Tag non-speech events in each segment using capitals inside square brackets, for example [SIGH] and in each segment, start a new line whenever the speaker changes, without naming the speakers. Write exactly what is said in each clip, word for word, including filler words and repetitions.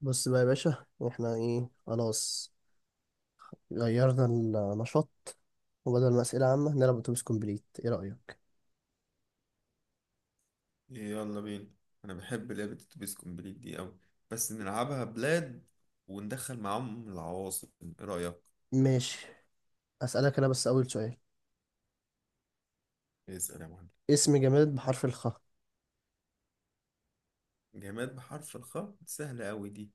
بص بقى يا باشا، احنا ايه خلاص؟ غيرنا النشاط، وبدل ما اسئله عامه نلعب اتوبيس كومبليت، ايه رايك؟
يلا بينا. انا بحب لعبة اتوبيس كومبليت دي اوي، بس نلعبها بلاد وندخل معاهم العواصم، ايه رأيك؟
ماشي، اسالك انا بس اول سؤال.
اسأل يا معلم.
اسم جماد بحرف الخاء.
جماد بحرف الخاء؟ سهلة اوي دي،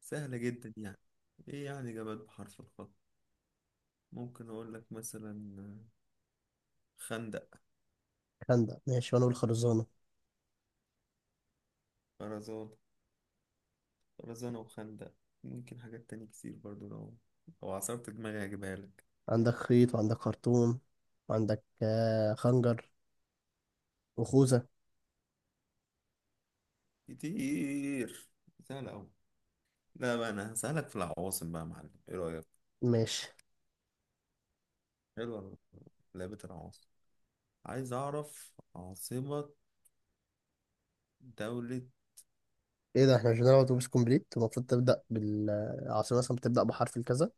سهلة جدا يعني. ايه يعني جماد بحرف الخاء؟ ممكن اقول لك مثلا خندق.
خندق ماشي، وانا اقول خرزانه.
خرزان، خرزانة وخندق. ممكن حاجات تانية كتير برضو، لو لو عصرت دماغي هجيبها لك.
عندك خيط وعندك خرطوم وعندك آه، خنجر وخوذه.
كتير، سهلة اوي. لا بقى، انا هسألك في العواصم بقى يا معلم، ايه رأيك؟
ماشي.
حلوة لعبة العواصم. عايز أعرف عاصمة دولة.
ايه ده؟ احنا مش بنلعب اتوبيس كومبليت؟ المفروض تبدا بالعاصمه، مثلا بتبدا بحرف الكذا.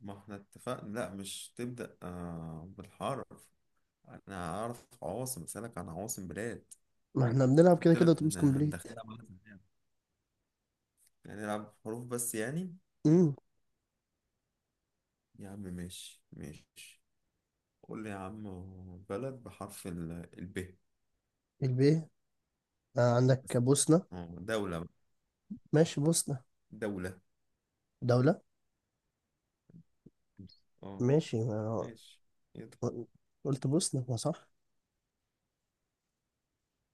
ما احنا اتفقنا لا، مش تبدأ آه بالحرف. أنا هعرف عواصم، أسألك عن عواصم بلاد.
ما احنا بنلعب كده
قلت
كده
لك
اتوبيس
أنا
كومبليت.
هندخلها مثلا يعني، يعني نلعب حروف بس يعني.
امم.
يا عم ماشي ماشي، قول لي يا عم، بلد بحرف ال، الب.
الب. آه، عندك
بس.
بوسنه.
اه، دولة بقى.
ماشي بوسنه.
دولة.
دولة.
اه،
ماشي ما
ماشي. يلا.
قلت بوسنة؟ ما صح.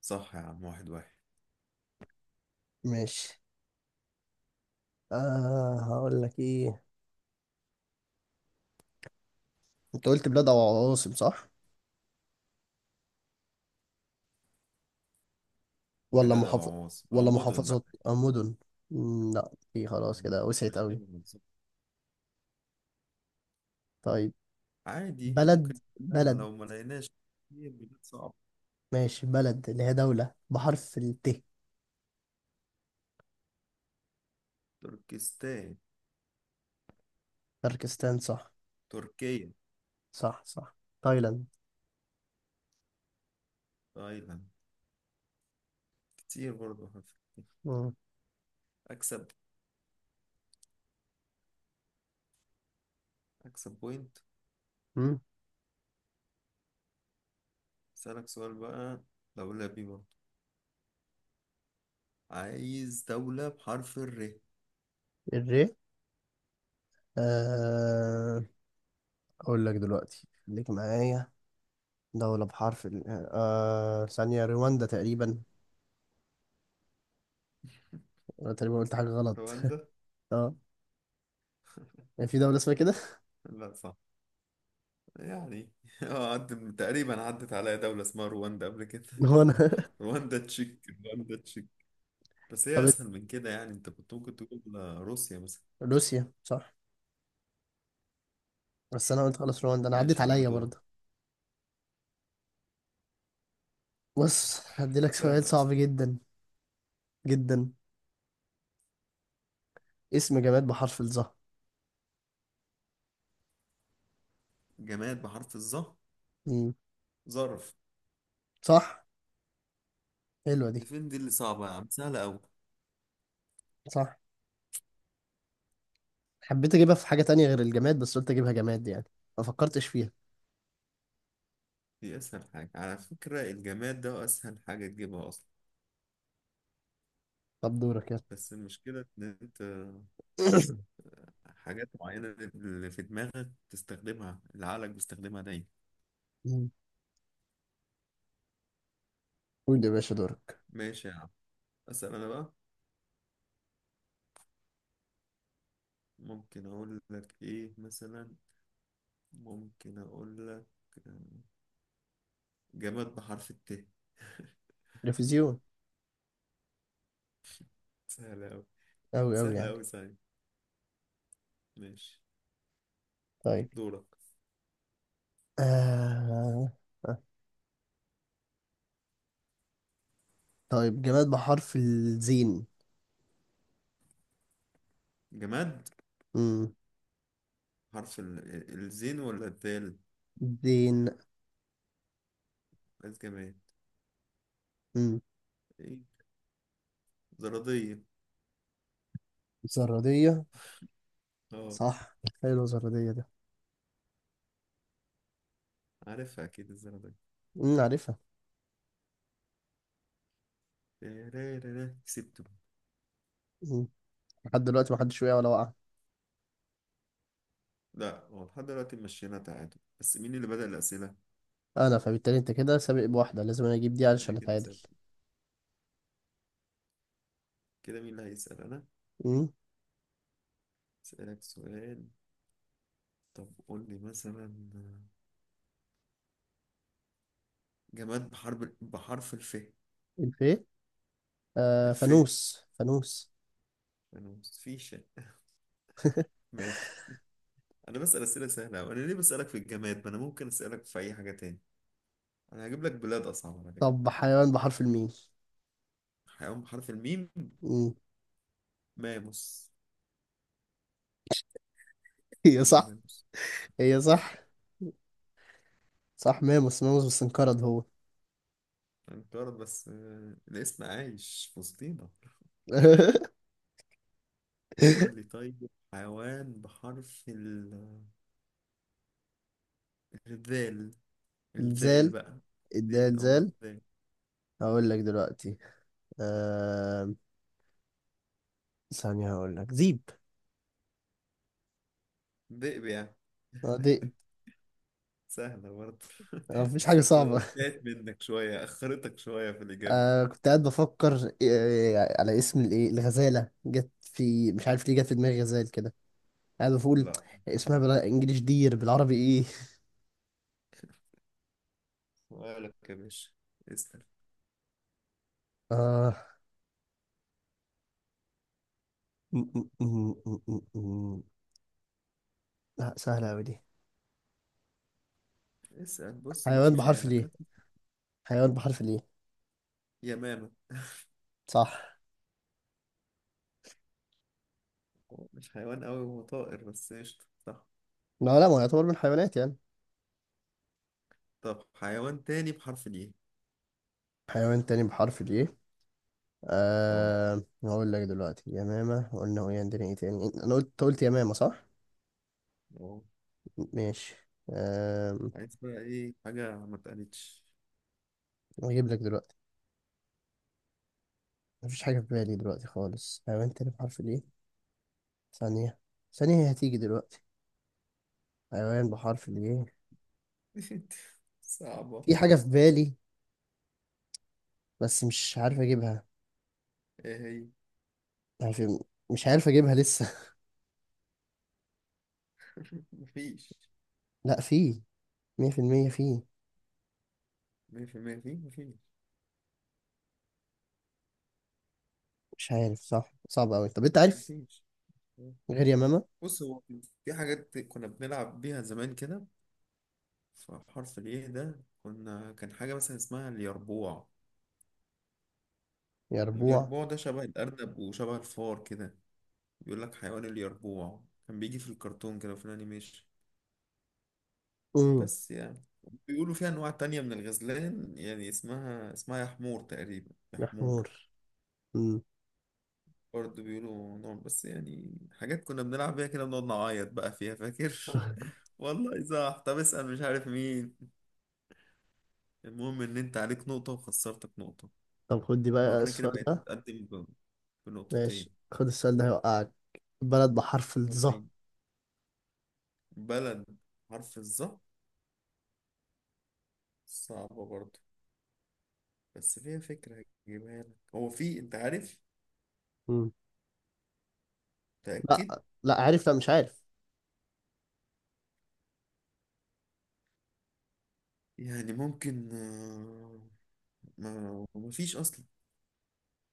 صح يا عم، واحد واحد.
ماشي. آه هقول لك ايه، انت قلت بلاد او عواصم صح؟ ولا
بلاد أو
محافظ،
عواصم أو
ولا
مدن بقى.
محافظات او مدن؟ مم، لا، في
ممكن.
خلاص كده وسعت
ماشي،
قوي. طيب.
عادي
بلد،
ممكن. نسألها
بلد.
لو ما لقيناش، كتير بلاد صعبة.
ماشي، بلد اللي هي دولة بحرف الت.
تركستان،
تركستان. صح
تركيا،
صح. صح تايلاند.
تايلاند. كتير برضه. هف-
مم.
أكسب أكسب بوينت.
مم.
أسألك سؤال بقى، دولة بي برضه، عايز دولة بحرف الر.
الري. آه اقول لك دلوقتي، خليك معايا. دولة بحرف ال، آه ثانية، رواندا تقريبا. انا تقريبا قلت حاجه غلط،
رواندا؟
اه. يعني في دوله اسمها كده.
لا صح، يعني [LAUGHS] اه عدت، تقريبا عدت عليا دولة اسمها رواندا قبل كده
[LAUGHS] هو انا.
[LAUGHS] رواندا تشيك رواندا تشيك، بس
طب
هي
إت-
أسهل من كده يعني، أنت كنت ممكن تقول روسيا مثلا.
روسيا صح. بس انا قلت خلاص رواندا، انا عديت
ماشي يا عم،
عليا
دورك.
برضه. بص، هديلك سؤال
سهلة
صعب
أصلا.
جدا. جدا. اسم جماد بحرف الظهر.
جماد بحرف الظهر؟
مم.
ظرف.
صح. حلوه دي.
ديفين دي اللي صعبة يا عم، سهلة أوي.
صح. حبيت اجيبها في حاجه تانية غير الجماد، بس قلت اجيبها جماد يعني. ما فكرتش فيها.
دي أسهل حاجة على فكرة، الجماد ده أسهل حاجة تجيبها أصلا.
طب دورك يلا.
بس المشكلة إن أنت
[LAUGHS]
حاجات معينة، اللي في دماغك تستخدمها، اللي عقلك بيستخدمها دايما.
[COUGHS] مم. قول يا باشا دورك.
ماشي يا عم، أسأل أنا بقى. ممكن أقول لك إيه مثلا، ممكن أقول لك آه، جماد بحرف الت [LAUGHS]
تلفزيون.
سهلة أوي،
أوي أوي
سهلة
يعني.
أوي، سهلة. ماشي،
طيب.
دورك.
آه... آه. طيب، جماد بحرف الزين.
جماد،
مم.
حرف ال- الزين ولا الدال؟
زين.
عايز جماد، إيه، زرادية.
زرادية.
اه،
صح، حلو زرادية ده.
عارفها اكيد الزرع ده.
أمم، عارفها.
تيريريري، كسبته.
أمم، لحد دلوقتي محدش وقع ولا وقع.
لا، هو لحد دلوقتي مشينا تعادل، بس مين اللي بدأ الأسئلة؟
أنا، فبالتالي أنت كده سابق بواحدة، لازم أنا أجيب دي
انا
علشان
كده
أتعادل.
سابق، كده مين اللي هيسأل؟ انا
أمم،
اسألك سؤال. طب قول لي مثلا، جماد بحرب بحرف الف.
الفي. آه
الف،
فانوس، فانوس.
انا فيش.
[LAUGHS]
ماشي، انا بسأل أسئلة سهلة، وانا ليه بسألك في الجماد؟ ما انا ممكن أسألك في اي حاجة تاني، انا هجيب لك بلاد اصعب على فكرة.
طب حيوان بحرف الميم.
حيوان بحرف الميم؟
أمم.
ماموس.
[LAUGHS] هي
حلوة
صح.
ماموس.
هي صح. صح، ماموس. ماموس، بس انقرض هو.
انقرض، بس آه، الاسم عايش في وسطينا.
[LAUGHS]
قول لي طيب، حيوان بحرف ال- الذال، الذال
الزال.
بقى.
الدال،
الدين أو
زال.
الذال؟
هقول لك دلوقتي. آه... ثانية، هقول لك زيب.
ذئب يعني.
آه، دي.
سهلة برضه
آه،
[LAUGHS]
مفيش
بس
حاجة
أنت
صعبة.
تعبت منك شوية، أخرتك شوية في الإجابة.
آه كنت قاعد بفكر، آه على اسم الايه، الغزالة جت في، مش عارف ليه جت في دماغي غزال كده، قاعد بقول
لا،
اسمها بالانجلش دير، بالعربي ايه؟
سؤالك يا باشا، اسأل.
آه م- م- م- م- م- م. لا، سهلة أوي دي.
اسأل، بص، ما في
حيوان بحرف
خيالك
ليه؟
هات.
حيوان بحرف ليه؟
يمامة.
صح.
هو مش حيوان أوي، هو طائر، بس قشطة، صح.
لا لا، ما هو يعتبر من الحيوانات يعني.
طب حيوان تاني بحرف الإيه؟
حيوان تاني بحرف ليه.
أه،
آه هقول لك دلوقتي يمامة قلنا، هو عندنا ايه تاني؟ انا قلت، أنت قلت يمامة صح؟
أه.
ماشي. آه
عايز بقى إيه حاجة ما اتقالتش
هجيب لك دلوقتي. مفيش حاجة في بالي دلوقتي خالص. حيوان تاني بحرف الإيه. ثانية. ثانية هي هتيجي دلوقتي. حيوان بحرف الإيه.
[LAUGHS] صعبة.
في حاجة في بالي، بس مش عارف أجيبها.
إيه هي؟
عارف، مش عارف أجيبها لسه.
[LAUGHS] مفيش،
[LAUGHS] لأ، في. مية في المية في.
مفيش، مفيش، مفيش،
مش عارف صح، صعب أوي. طب أنت عارف
مفيش.
غير يا ماما؟
بص هو، في حاجات كنا بنلعب بيها زمان كده، فحرف الايه ده كنا، كان حاجة مثلا اسمها اليربوع.
يا ربوع.
اليربوع ده شبه الأرنب وشبه الفار كده. بيقول لك حيوان، اليربوع كان بيجي في الكرتون كده وفي الأنيميشن.
أمم.
بس يعني، بيقولوا فيها أنواع تانية من الغزلان يعني، اسمها اسمها يا حمور تقريبا، يا
يا
حمور.
حمور. أمم.
برضه بيقولوا نار، بس يعني حاجات كنا بنلعب بيها كده، بنقعد نعيط بقى فيها، فاكر
[LAUGHS]
[LAUGHS] والله صح. طب اسأل، مش عارف مين. المهم ان انت عليك نقطة، وخسرتك نقطة،
طب خد دي بقى،
وانا كده
السؤال
بقيت
ده.
متقدم ب-
ماشي،
بنقطتين.
خد السؤال ده هيوقعك. بلد بحرف الظا.
وريني. بلد حرف الظا، صعبة برضه، بس فيها فكرة هجيبها لك. هو في، انت عارف؟
أمم.
تأكد.
لأ لأ، عارف، لأ مش عارف.
يعني ممكن آه، ما ما فيش اصلا،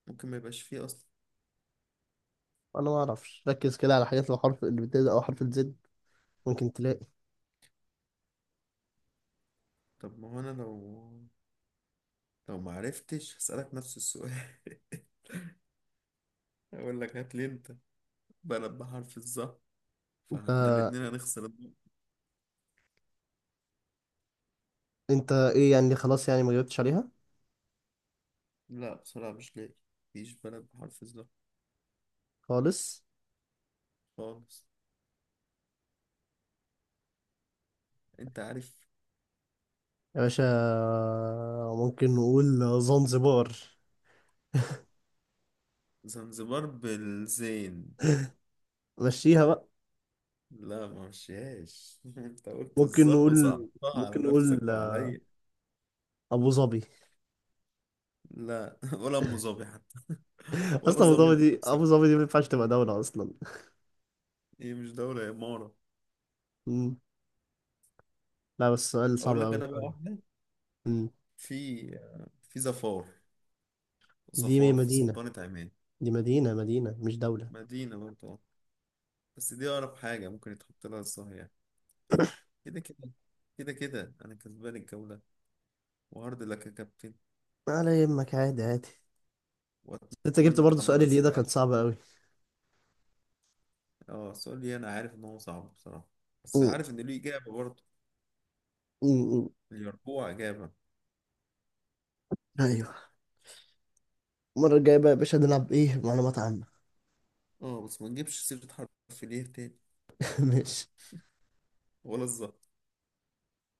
ممكن ما يبقاش فيه اصلا.
أنا ما أعرفش. ركز كده على حاجات اللي بحرف، اللي بتبدأ أو حرف الزد، ممكن تلاقي.
طب ما هو انا لو، لو ما عرفتش هسألك نفس السؤال [LAUGHS] أقول لك، هات لي أنت بلد بحرف الظهر،
انت
فاحنا الاتنين هنخسر النقطة.
انت ايه يعني؟ خلاص يعني ما جاوبتش عليها؟
لا بصراحة مش لاقي، مفيش بلد بحرف الظهر
خالص.
خالص. أنت عارف؟
يا باشا، ممكن نقول زنزبار.
زنزبار بالزين.
مشيها بقى.
لا ما مشيهاش [LAUGHS] أنت قلت
ممكن
الظه
نقول
وصعبتها على
ممكن نقول
نفسك وعليا.
ابو ظبي.
لا [LAUGHS] ولا أم ظبي حتى.
[LAUGHS]
ولا
اصلا ابو
ظبي
ظبي دي، ابو
نفسك.
ظبي دي ما ينفعش تبقى دولة اصلا.
هي مش دولة، هي إمارة.
مم. لا بس سؤال صعب
أقول لك
قوي.
أنا بقى واحدة، في في ظفار،
دي
ظفار في
مدينة.
سلطنة عمان.
دي مدينة، مدينة مش دولة.
مدينة برضه، بس دي أقرب حاجة ممكن يتحط لها الصهية.
[COUGHS]
كده كده، كده كده أنا كسبان الجولة. وهارد لك يا كابتن،
على يمك، عادي عادي. انت جبت
وأتمنى
برضه سؤال
تحضر
اللي إيه ده،
أسئلة
كان
أحسن.
صعب قوي.
أه السؤال ليه؟ أنا عارف إن هو صعب بصراحة، بس
مم.
عارف إن ليه إجابة برضه.
مم.
اليربوع إجابة.
ايوه. المرة الجاية بقى يا باشا نلعب ايه، معلومات عامة.
أه بس ما نجيبش سيرة حرف ليه تاني،
[LAUGHS] ماشي.
ولا الظهر.